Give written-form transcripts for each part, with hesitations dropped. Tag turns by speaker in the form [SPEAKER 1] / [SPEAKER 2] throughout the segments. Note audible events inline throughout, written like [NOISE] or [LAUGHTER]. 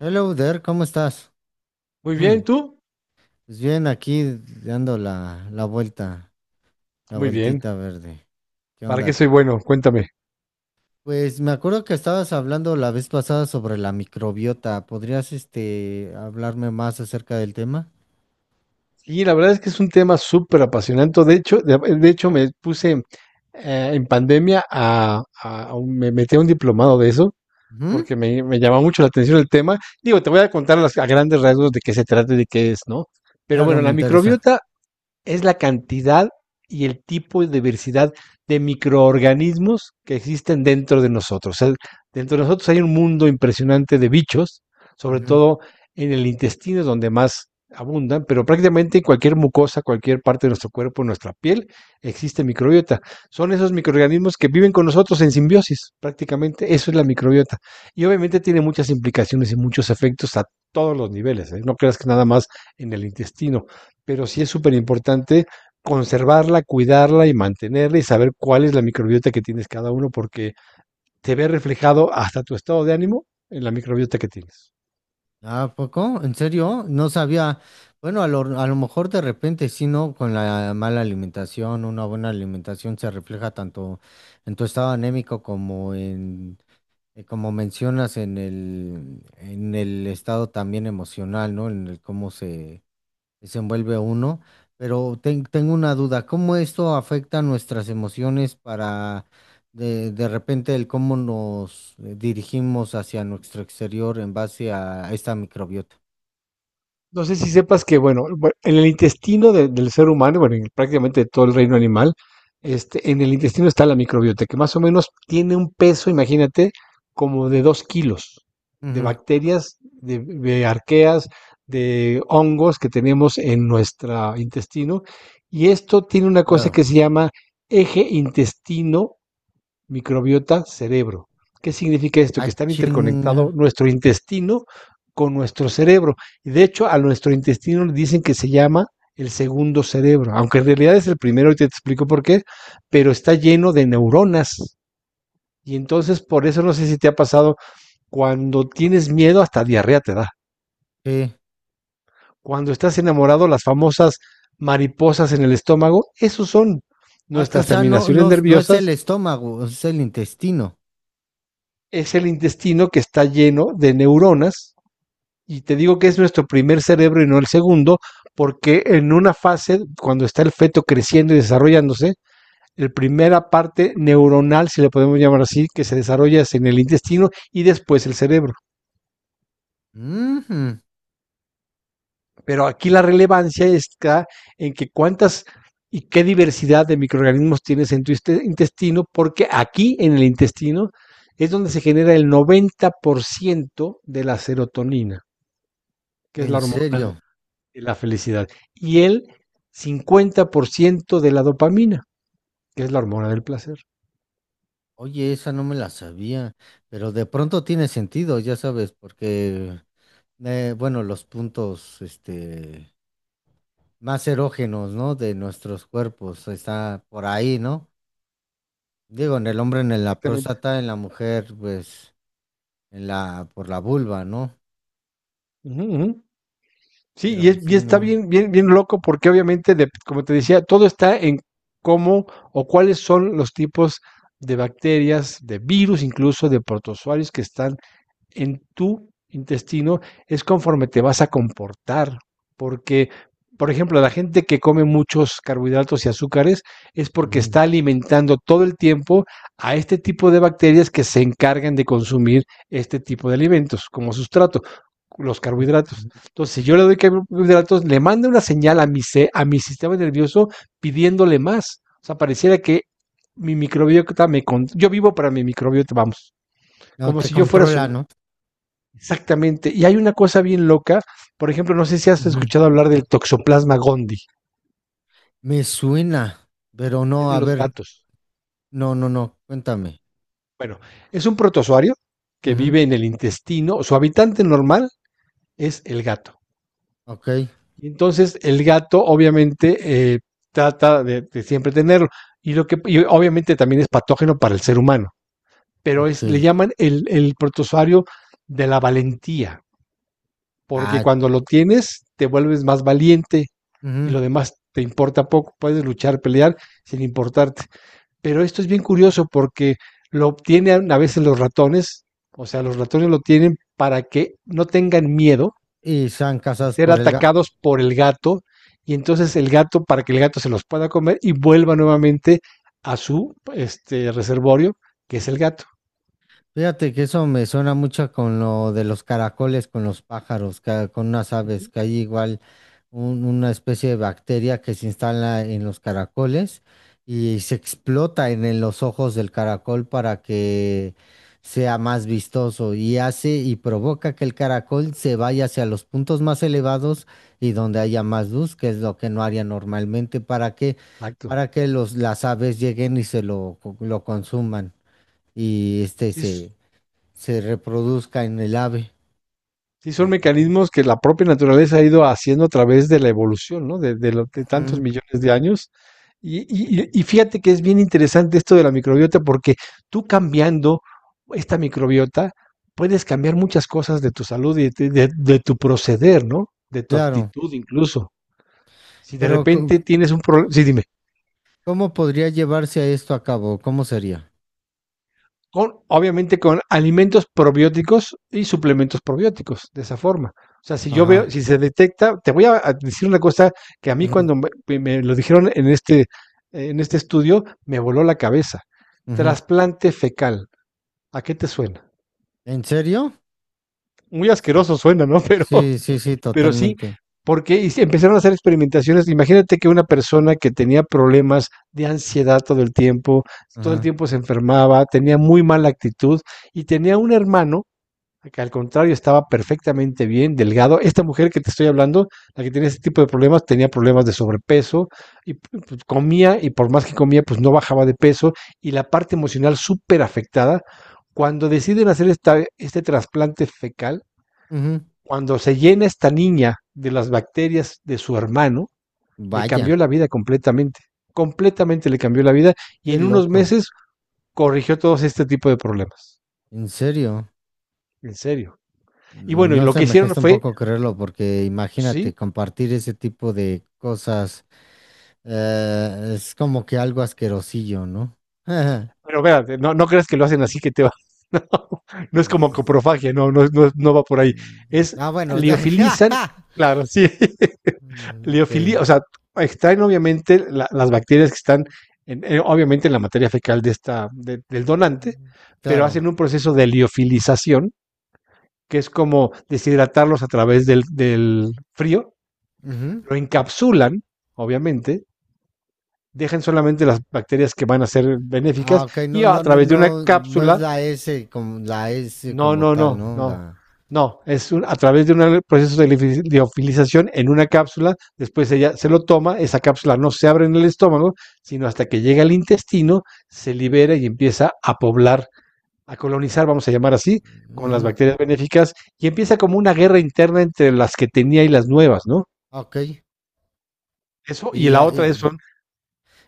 [SPEAKER 1] Hello there, ¿cómo estás?
[SPEAKER 2] Muy
[SPEAKER 1] Hmm,
[SPEAKER 2] bien, ¿tú?
[SPEAKER 1] pues bien, aquí dando la vuelta, la
[SPEAKER 2] Muy bien.
[SPEAKER 1] vueltita verde. ¿Qué
[SPEAKER 2] ¿Para qué
[SPEAKER 1] onda?
[SPEAKER 2] soy bueno? Cuéntame.
[SPEAKER 1] Pues me acuerdo que estabas hablando la vez pasada sobre la microbiota. ¿Podrías, hablarme más acerca del tema?
[SPEAKER 2] Y la verdad es que es un tema súper apasionante. De hecho, de hecho me puse en pandemia me metí a un diplomado de eso
[SPEAKER 1] Ujú.
[SPEAKER 2] porque me llamaba mucho la atención el tema. Digo, te voy a contar a grandes rasgos de qué se trata y de qué es, ¿no? Pero
[SPEAKER 1] Claro,
[SPEAKER 2] bueno,
[SPEAKER 1] me
[SPEAKER 2] la
[SPEAKER 1] interesa.
[SPEAKER 2] microbiota es la cantidad y el tipo de diversidad de microorganismos que existen dentro de nosotros. O sea, dentro de nosotros hay un mundo impresionante de bichos, sobre
[SPEAKER 1] Ujú.
[SPEAKER 2] todo en el intestino es donde más abundan, pero prácticamente en cualquier mucosa, cualquier parte de nuestro cuerpo, en nuestra piel, existe microbiota. Son esos microorganismos que viven con nosotros en simbiosis, prácticamente eso es la microbiota. Y obviamente tiene muchas implicaciones y muchos efectos a todos los niveles, ¿eh? No creas que nada más en el intestino, pero sí es súper importante conservarla, cuidarla y mantenerla y saber cuál es la microbiota que tienes cada uno, porque te ve reflejado hasta tu estado de ánimo en la microbiota que tienes.
[SPEAKER 1] ¿Ah, a poco? ¿En serio? No sabía. Bueno, a lo mejor de repente sí, ¿no? Con la mala alimentación, una buena alimentación se refleja tanto en tu estado anémico como en... Y como mencionas en el estado también emocional, ¿no? En el cómo se desenvuelve uno. Pero tengo una duda, ¿cómo esto afecta nuestras emociones para de repente el cómo nos dirigimos hacia nuestro exterior en base a esta microbiota?
[SPEAKER 2] No sé si sepas que, bueno, en el intestino del ser humano, bueno, en prácticamente todo el reino animal, en el intestino está la microbiota, que más o menos tiene un peso, imagínate, como de 2 kilos de
[SPEAKER 1] Ujú,
[SPEAKER 2] bacterias, de arqueas, de hongos que tenemos en nuestro intestino. Y esto tiene una cosa
[SPEAKER 1] claro.
[SPEAKER 2] que se llama eje intestino microbiota cerebro. ¿Qué significa esto?
[SPEAKER 1] Ah,
[SPEAKER 2] Que están interconectados
[SPEAKER 1] chinga.
[SPEAKER 2] nuestro intestino con nuestro cerebro. Y de hecho, a nuestro intestino le dicen que se llama el segundo cerebro, aunque en realidad es el primero y te explico por qué, pero está lleno de neuronas. Y entonces, por eso no sé si te ha pasado, cuando tienes miedo, hasta diarrea te da.
[SPEAKER 1] Sí.
[SPEAKER 2] Cuando estás enamorado, las famosas mariposas en el estómago, esos son
[SPEAKER 1] Ah, o
[SPEAKER 2] nuestras
[SPEAKER 1] sea,
[SPEAKER 2] terminaciones
[SPEAKER 1] no es el
[SPEAKER 2] nerviosas,
[SPEAKER 1] estómago, es el intestino.
[SPEAKER 2] es el intestino que está lleno de neuronas. Y te digo que es nuestro primer cerebro y no el segundo, porque en una fase, cuando está el feto creciendo y desarrollándose, la primera parte neuronal, si le podemos llamar así, que se desarrolla es en el intestino y después el cerebro.
[SPEAKER 1] Ujú.
[SPEAKER 2] Pero aquí la relevancia está en que cuántas y qué diversidad de microorganismos tienes en tu intestino, porque aquí en el intestino es donde se genera el 90% de la serotonina, que es la
[SPEAKER 1] En
[SPEAKER 2] hormona
[SPEAKER 1] serio.
[SPEAKER 2] de la felicidad, y el 50% de la dopamina, que es la hormona del placer.
[SPEAKER 1] Oye, esa no me la sabía, pero de pronto tiene sentido, ya sabes, porque, bueno, los puntos, más erógenos, ¿no? De nuestros cuerpos, está por ahí, ¿no? Digo, en el hombre, en la
[SPEAKER 2] Exactamente.
[SPEAKER 1] próstata, en la mujer, pues, en por la vulva, ¿no?
[SPEAKER 2] Ujú, ujú. Sí, y,
[SPEAKER 1] Pero sí,
[SPEAKER 2] y está
[SPEAKER 1] no.
[SPEAKER 2] bien, bien, bien loco porque obviamente, como te decía, todo está en cómo o cuáles son los tipos de bacterias, de virus, incluso de protozoarios que están en tu intestino es conforme te vas a comportar, porque, por ejemplo, la gente que come muchos carbohidratos y azúcares es porque
[SPEAKER 1] Ujú.
[SPEAKER 2] está alimentando todo el tiempo a este tipo de bacterias que se encargan de consumir este tipo de alimentos como sustrato los carbohidratos. Entonces, si yo le doy carbohidratos, le mando una señal a mi sistema nervioso pidiéndole más. O sea, pareciera que mi microbiota me... Con yo vivo para mi microbiota, vamos.
[SPEAKER 1] No
[SPEAKER 2] Como
[SPEAKER 1] te
[SPEAKER 2] si yo fuera
[SPEAKER 1] controla,
[SPEAKER 2] su,
[SPEAKER 1] ¿no?
[SPEAKER 2] exactamente. Y hay una cosa bien loca. Por ejemplo, no sé si has
[SPEAKER 1] Ujú.
[SPEAKER 2] escuchado hablar del Toxoplasma gondii,
[SPEAKER 1] Me suena, pero
[SPEAKER 2] es
[SPEAKER 1] no,
[SPEAKER 2] de
[SPEAKER 1] a
[SPEAKER 2] los
[SPEAKER 1] ver,
[SPEAKER 2] gatos.
[SPEAKER 1] no, cuéntame.
[SPEAKER 2] Bueno, es un protozoario que
[SPEAKER 1] Ujú.
[SPEAKER 2] vive en el intestino. Su habitante normal es el gato.
[SPEAKER 1] Ok,
[SPEAKER 2] Y entonces, el gato obviamente eh, trata de siempre tenerlo. Y, lo que, y obviamente también es patógeno para el ser humano. Pero
[SPEAKER 1] ok.
[SPEAKER 2] es, le llaman el protozoario de la valentía, porque
[SPEAKER 1] Ah,
[SPEAKER 2] cuando lo tienes te vuelves más valiente, y
[SPEAKER 1] ujú.
[SPEAKER 2] lo demás te importa poco, puedes luchar, pelear sin importarte. Pero esto es bien curioso porque lo obtienen a veces los ratones, o sea, los ratones lo tienen para que no tengan miedo
[SPEAKER 1] Y sean
[SPEAKER 2] de
[SPEAKER 1] casados
[SPEAKER 2] ser
[SPEAKER 1] por el gato.
[SPEAKER 2] atacados por el gato y entonces el gato para que el gato se los pueda comer y vuelva nuevamente a su este reservorio, que es el gato.
[SPEAKER 1] Fíjate que eso me suena mucho con lo de los caracoles, con los pájaros, con unas aves, que hay igual una especie de bacteria que se instala en los caracoles y se explota en los ojos del caracol para que sea más vistoso y hace y provoca que el caracol se vaya hacia los puntos más elevados y donde haya más luz, que es lo que no haría normalmente,
[SPEAKER 2] Exacto.
[SPEAKER 1] para que las aves lleguen y se lo consuman y este
[SPEAKER 2] Es
[SPEAKER 1] se se reproduzca en el ave.
[SPEAKER 2] sí, son
[SPEAKER 1] Y-
[SPEAKER 2] mecanismos que la propia naturaleza ha ido haciendo a través de la evolución, ¿no? De, de tantos
[SPEAKER 1] Ujú,
[SPEAKER 2] millones de años. Y, y fíjate que es bien interesante esto de la microbiota, porque tú cambiando esta microbiota, puedes cambiar muchas cosas de tu salud y de tu proceder, ¿no? De tu
[SPEAKER 1] claro,
[SPEAKER 2] actitud incluso. Si de
[SPEAKER 1] pero
[SPEAKER 2] repente tienes un problema, sí, dime.
[SPEAKER 1] ¿cómo podría llevarse esto a cabo? ¿Cómo sería?
[SPEAKER 2] Con, obviamente con alimentos probióticos y suplementos probióticos, de esa forma. O sea, si yo
[SPEAKER 1] Ajá.
[SPEAKER 2] veo, si se detecta, te voy a decir una cosa que a mí
[SPEAKER 1] Ujú,
[SPEAKER 2] cuando me lo dijeron en este estudio, me voló la cabeza.
[SPEAKER 1] ujú.
[SPEAKER 2] Trasplante fecal. ¿A qué te suena?
[SPEAKER 1] ¿En serio?
[SPEAKER 2] Muy
[SPEAKER 1] Sí,
[SPEAKER 2] asqueroso suena, ¿no? [LAUGHS]
[SPEAKER 1] sí, sí, sí,
[SPEAKER 2] Pero sí,
[SPEAKER 1] totalmente.
[SPEAKER 2] porque sí, empezaron a hacer experimentaciones. Imagínate que una persona que tenía problemas de ansiedad todo el
[SPEAKER 1] Ajá.
[SPEAKER 2] tiempo se enfermaba, tenía muy mala actitud y tenía un hermano que al contrario estaba perfectamente bien, delgado. Esta mujer que te estoy hablando, la que tenía este tipo de problemas, tenía problemas de sobrepeso y pues, comía y por más que comía, pues no bajaba de peso y la parte emocional súper afectada. Cuando deciden hacer esta, este trasplante fecal,
[SPEAKER 1] Ujú.
[SPEAKER 2] cuando se llena esta niña de las bacterias de su hermano, le cambió
[SPEAKER 1] Vaya,
[SPEAKER 2] la vida completamente, completamente le cambió la vida y
[SPEAKER 1] qué
[SPEAKER 2] en unos
[SPEAKER 1] loco.
[SPEAKER 2] meses corrigió todos este tipo de problemas.
[SPEAKER 1] En serio.
[SPEAKER 2] En serio. Y bueno, y
[SPEAKER 1] No
[SPEAKER 2] lo
[SPEAKER 1] sé,
[SPEAKER 2] que
[SPEAKER 1] me
[SPEAKER 2] hicieron
[SPEAKER 1] cuesta un
[SPEAKER 2] fue,
[SPEAKER 1] poco creerlo porque imagínate
[SPEAKER 2] sí,
[SPEAKER 1] compartir ese tipo de cosas. Es como que algo asquerosillo, ¿no? [LAUGHS]
[SPEAKER 2] pero espérate, no, no creas que lo hacen así que te va. [LAUGHS] No, no es como coprofagia, no, no, no va por ahí. Es
[SPEAKER 1] Ah, bueno.
[SPEAKER 2] liofilizan,
[SPEAKER 1] [LAUGHS]
[SPEAKER 2] claro, sí. [LAUGHS]
[SPEAKER 1] Mm, ok,
[SPEAKER 2] Liofilía, o sea, extraen obviamente las bacterias que están obviamente en la materia fecal de esta, del donante, pero hacen
[SPEAKER 1] claro.
[SPEAKER 2] un proceso de liofilización, que es como deshidratarlos a través del frío,
[SPEAKER 1] Ujú.
[SPEAKER 2] lo encapsulan, obviamente, dejan solamente las bacterias que van a ser benéficas
[SPEAKER 1] Ah, ok,
[SPEAKER 2] y a través de una
[SPEAKER 1] no es
[SPEAKER 2] cápsula.
[SPEAKER 1] la S
[SPEAKER 2] No,
[SPEAKER 1] como
[SPEAKER 2] no,
[SPEAKER 1] tal,
[SPEAKER 2] no,
[SPEAKER 1] ¿no?
[SPEAKER 2] no.
[SPEAKER 1] La.
[SPEAKER 2] No, es un- a través de un proceso de liofilización en una cápsula, después ella se lo toma, esa cápsula no se abre en el estómago, sino hasta que llega al intestino, se libera y empieza a poblar, a colonizar, vamos a llamar así, con las
[SPEAKER 1] Ujú.
[SPEAKER 2] bacterias benéficas, y empieza como una guerra interna entre las que tenía y las nuevas, ¿no?
[SPEAKER 1] Ok.
[SPEAKER 2] Eso, y
[SPEAKER 1] Y,
[SPEAKER 2] la otra
[SPEAKER 1] ahí-
[SPEAKER 2] es, son,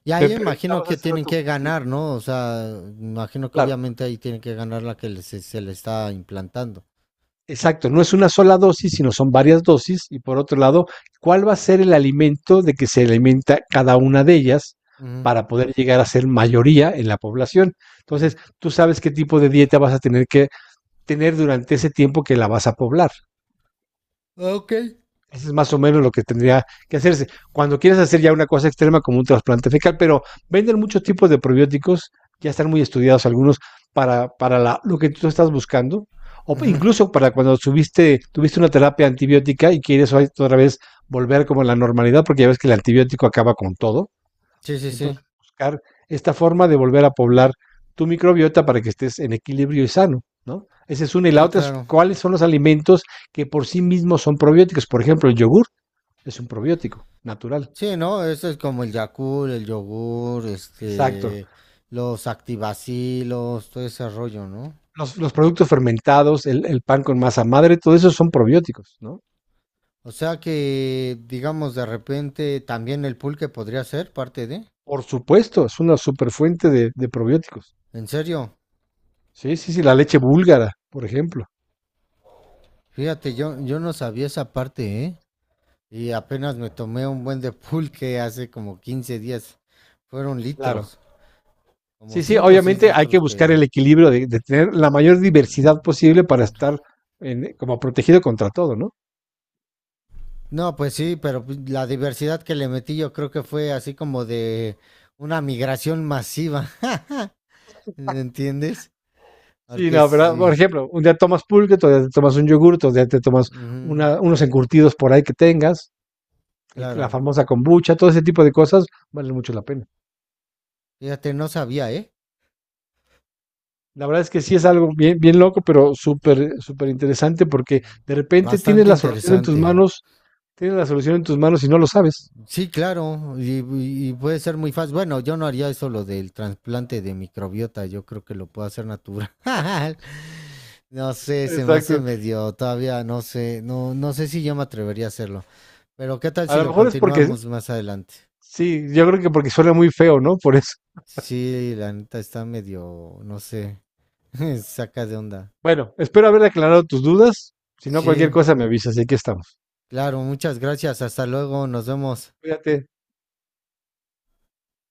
[SPEAKER 1] y
[SPEAKER 2] me
[SPEAKER 1] ahí imagino
[SPEAKER 2] preguntabas
[SPEAKER 1] que
[SPEAKER 2] hace
[SPEAKER 1] tienen
[SPEAKER 2] rato,
[SPEAKER 1] que
[SPEAKER 2] sí,
[SPEAKER 1] ganar, ¿no? O sea, imagino que
[SPEAKER 2] claro.
[SPEAKER 1] obviamente ahí tienen que ganar la se, se le está implantando.
[SPEAKER 2] Exacto, no es una sola dosis, sino son varias dosis. Y por otro lado, ¿cuál va a ser el alimento de que se alimenta cada una de ellas
[SPEAKER 1] Ujú,
[SPEAKER 2] para poder llegar a ser mayoría en la población? Entonces, tú sabes qué tipo de dieta vas a tener que tener durante ese tiempo que la vas a poblar.
[SPEAKER 1] ujú. Ok.
[SPEAKER 2] Eso es más o menos lo que tendría que hacerse. Cuando quieres hacer ya una cosa extrema como un trasplante fecal, pero venden muchos tipos de probióticos, ya están muy estudiados algunos para la, lo que tú estás buscando, o
[SPEAKER 1] Ujú.
[SPEAKER 2] incluso para cuando subiste, tuviste una terapia antibiótica y quieres otra vez volver como a la normalidad, porque ya ves que el antibiótico acaba con todo.
[SPEAKER 1] Sí, sí,
[SPEAKER 2] Entonces,
[SPEAKER 1] sí.
[SPEAKER 2] buscar esta forma de volver a poblar tu microbiota para que estés en equilibrio y sano, ¿no? Esa es una. Y la
[SPEAKER 1] Sí,
[SPEAKER 2] otra es
[SPEAKER 1] claro.
[SPEAKER 2] cuáles son los alimentos que por sí mismos son probióticos. Por ejemplo, el yogur es un probiótico natural.
[SPEAKER 1] Sí, ¿no? Eso es como el Yakult, el yogur,
[SPEAKER 2] Exacto.
[SPEAKER 1] los activacilos, todo ese rollo, ¿no?
[SPEAKER 2] Los productos fermentados, el, pan con masa madre, todo eso son probióticos, ¿no?
[SPEAKER 1] O sea que, digamos, de repente también el pulque podría ser parte de.
[SPEAKER 2] Por supuesto, es una superfuente de probióticos.
[SPEAKER 1] En serio,
[SPEAKER 2] Sí, sí, sí, la leche búlgara, por ejemplo.
[SPEAKER 1] fíjate, yo no sabía esa parte, ¿eh? Y apenas me tomé un buen de pulque hace como 15 días. Fueron
[SPEAKER 2] Claro.
[SPEAKER 1] litros, como
[SPEAKER 2] Sí, sí,
[SPEAKER 1] 5 o seis
[SPEAKER 2] obviamente hay que
[SPEAKER 1] litros
[SPEAKER 2] buscar
[SPEAKER 1] que...
[SPEAKER 2] el equilibrio de tener la mayor diversidad posible para estar en, como protegido contra todo, ¿no?
[SPEAKER 1] No, pues sí, pero pues la diversidad que le metí yo creo que fue así como de una migración masiva. [LAUGHS] ¿Entiendes?
[SPEAKER 2] Sí,
[SPEAKER 1] Porque
[SPEAKER 2] no, pero por
[SPEAKER 1] sí.
[SPEAKER 2] ejemplo, un día tomas pulque, otro día te tomas un yogur, otro día te tomas
[SPEAKER 1] Ujú,
[SPEAKER 2] una, unos encurtidos por ahí que tengas, la
[SPEAKER 1] claro.
[SPEAKER 2] famosa kombucha, todo ese tipo de cosas valen mucho la pena.
[SPEAKER 1] Fíjate, no sabía, ¿eh?
[SPEAKER 2] La verdad es que sí es algo bien, bien loco, pero súper, súper interesante porque de repente tienes
[SPEAKER 1] Bastante
[SPEAKER 2] la solución en tus
[SPEAKER 1] interesante.
[SPEAKER 2] manos, tienes la solución en tus manos y no lo sabes.
[SPEAKER 1] Sí, claro, y puede ser muy fácil. Bueno, yo no haría eso lo del trasplante de microbiota, yo creo que lo puedo hacer natural. [LAUGHS] No sé, se me hace
[SPEAKER 2] Exacto.
[SPEAKER 1] medio, todavía no sé, no sé si yo me atrevería a hacerlo. Pero qué tal
[SPEAKER 2] A
[SPEAKER 1] si
[SPEAKER 2] lo
[SPEAKER 1] lo
[SPEAKER 2] mejor es porque,
[SPEAKER 1] continuamos más adelante.
[SPEAKER 2] sí, yo creo que porque suena muy feo, ¿no? Por eso.
[SPEAKER 1] Sí, la neta está medio, no sé, [LAUGHS] saca de onda.
[SPEAKER 2] Bueno, espero haber aclarado tus dudas. Si no, cualquier
[SPEAKER 1] Sí,
[SPEAKER 2] cosa me avisas y aquí estamos.
[SPEAKER 1] claro, muchas gracias, hasta luego, nos vemos.
[SPEAKER 2] Cuídate.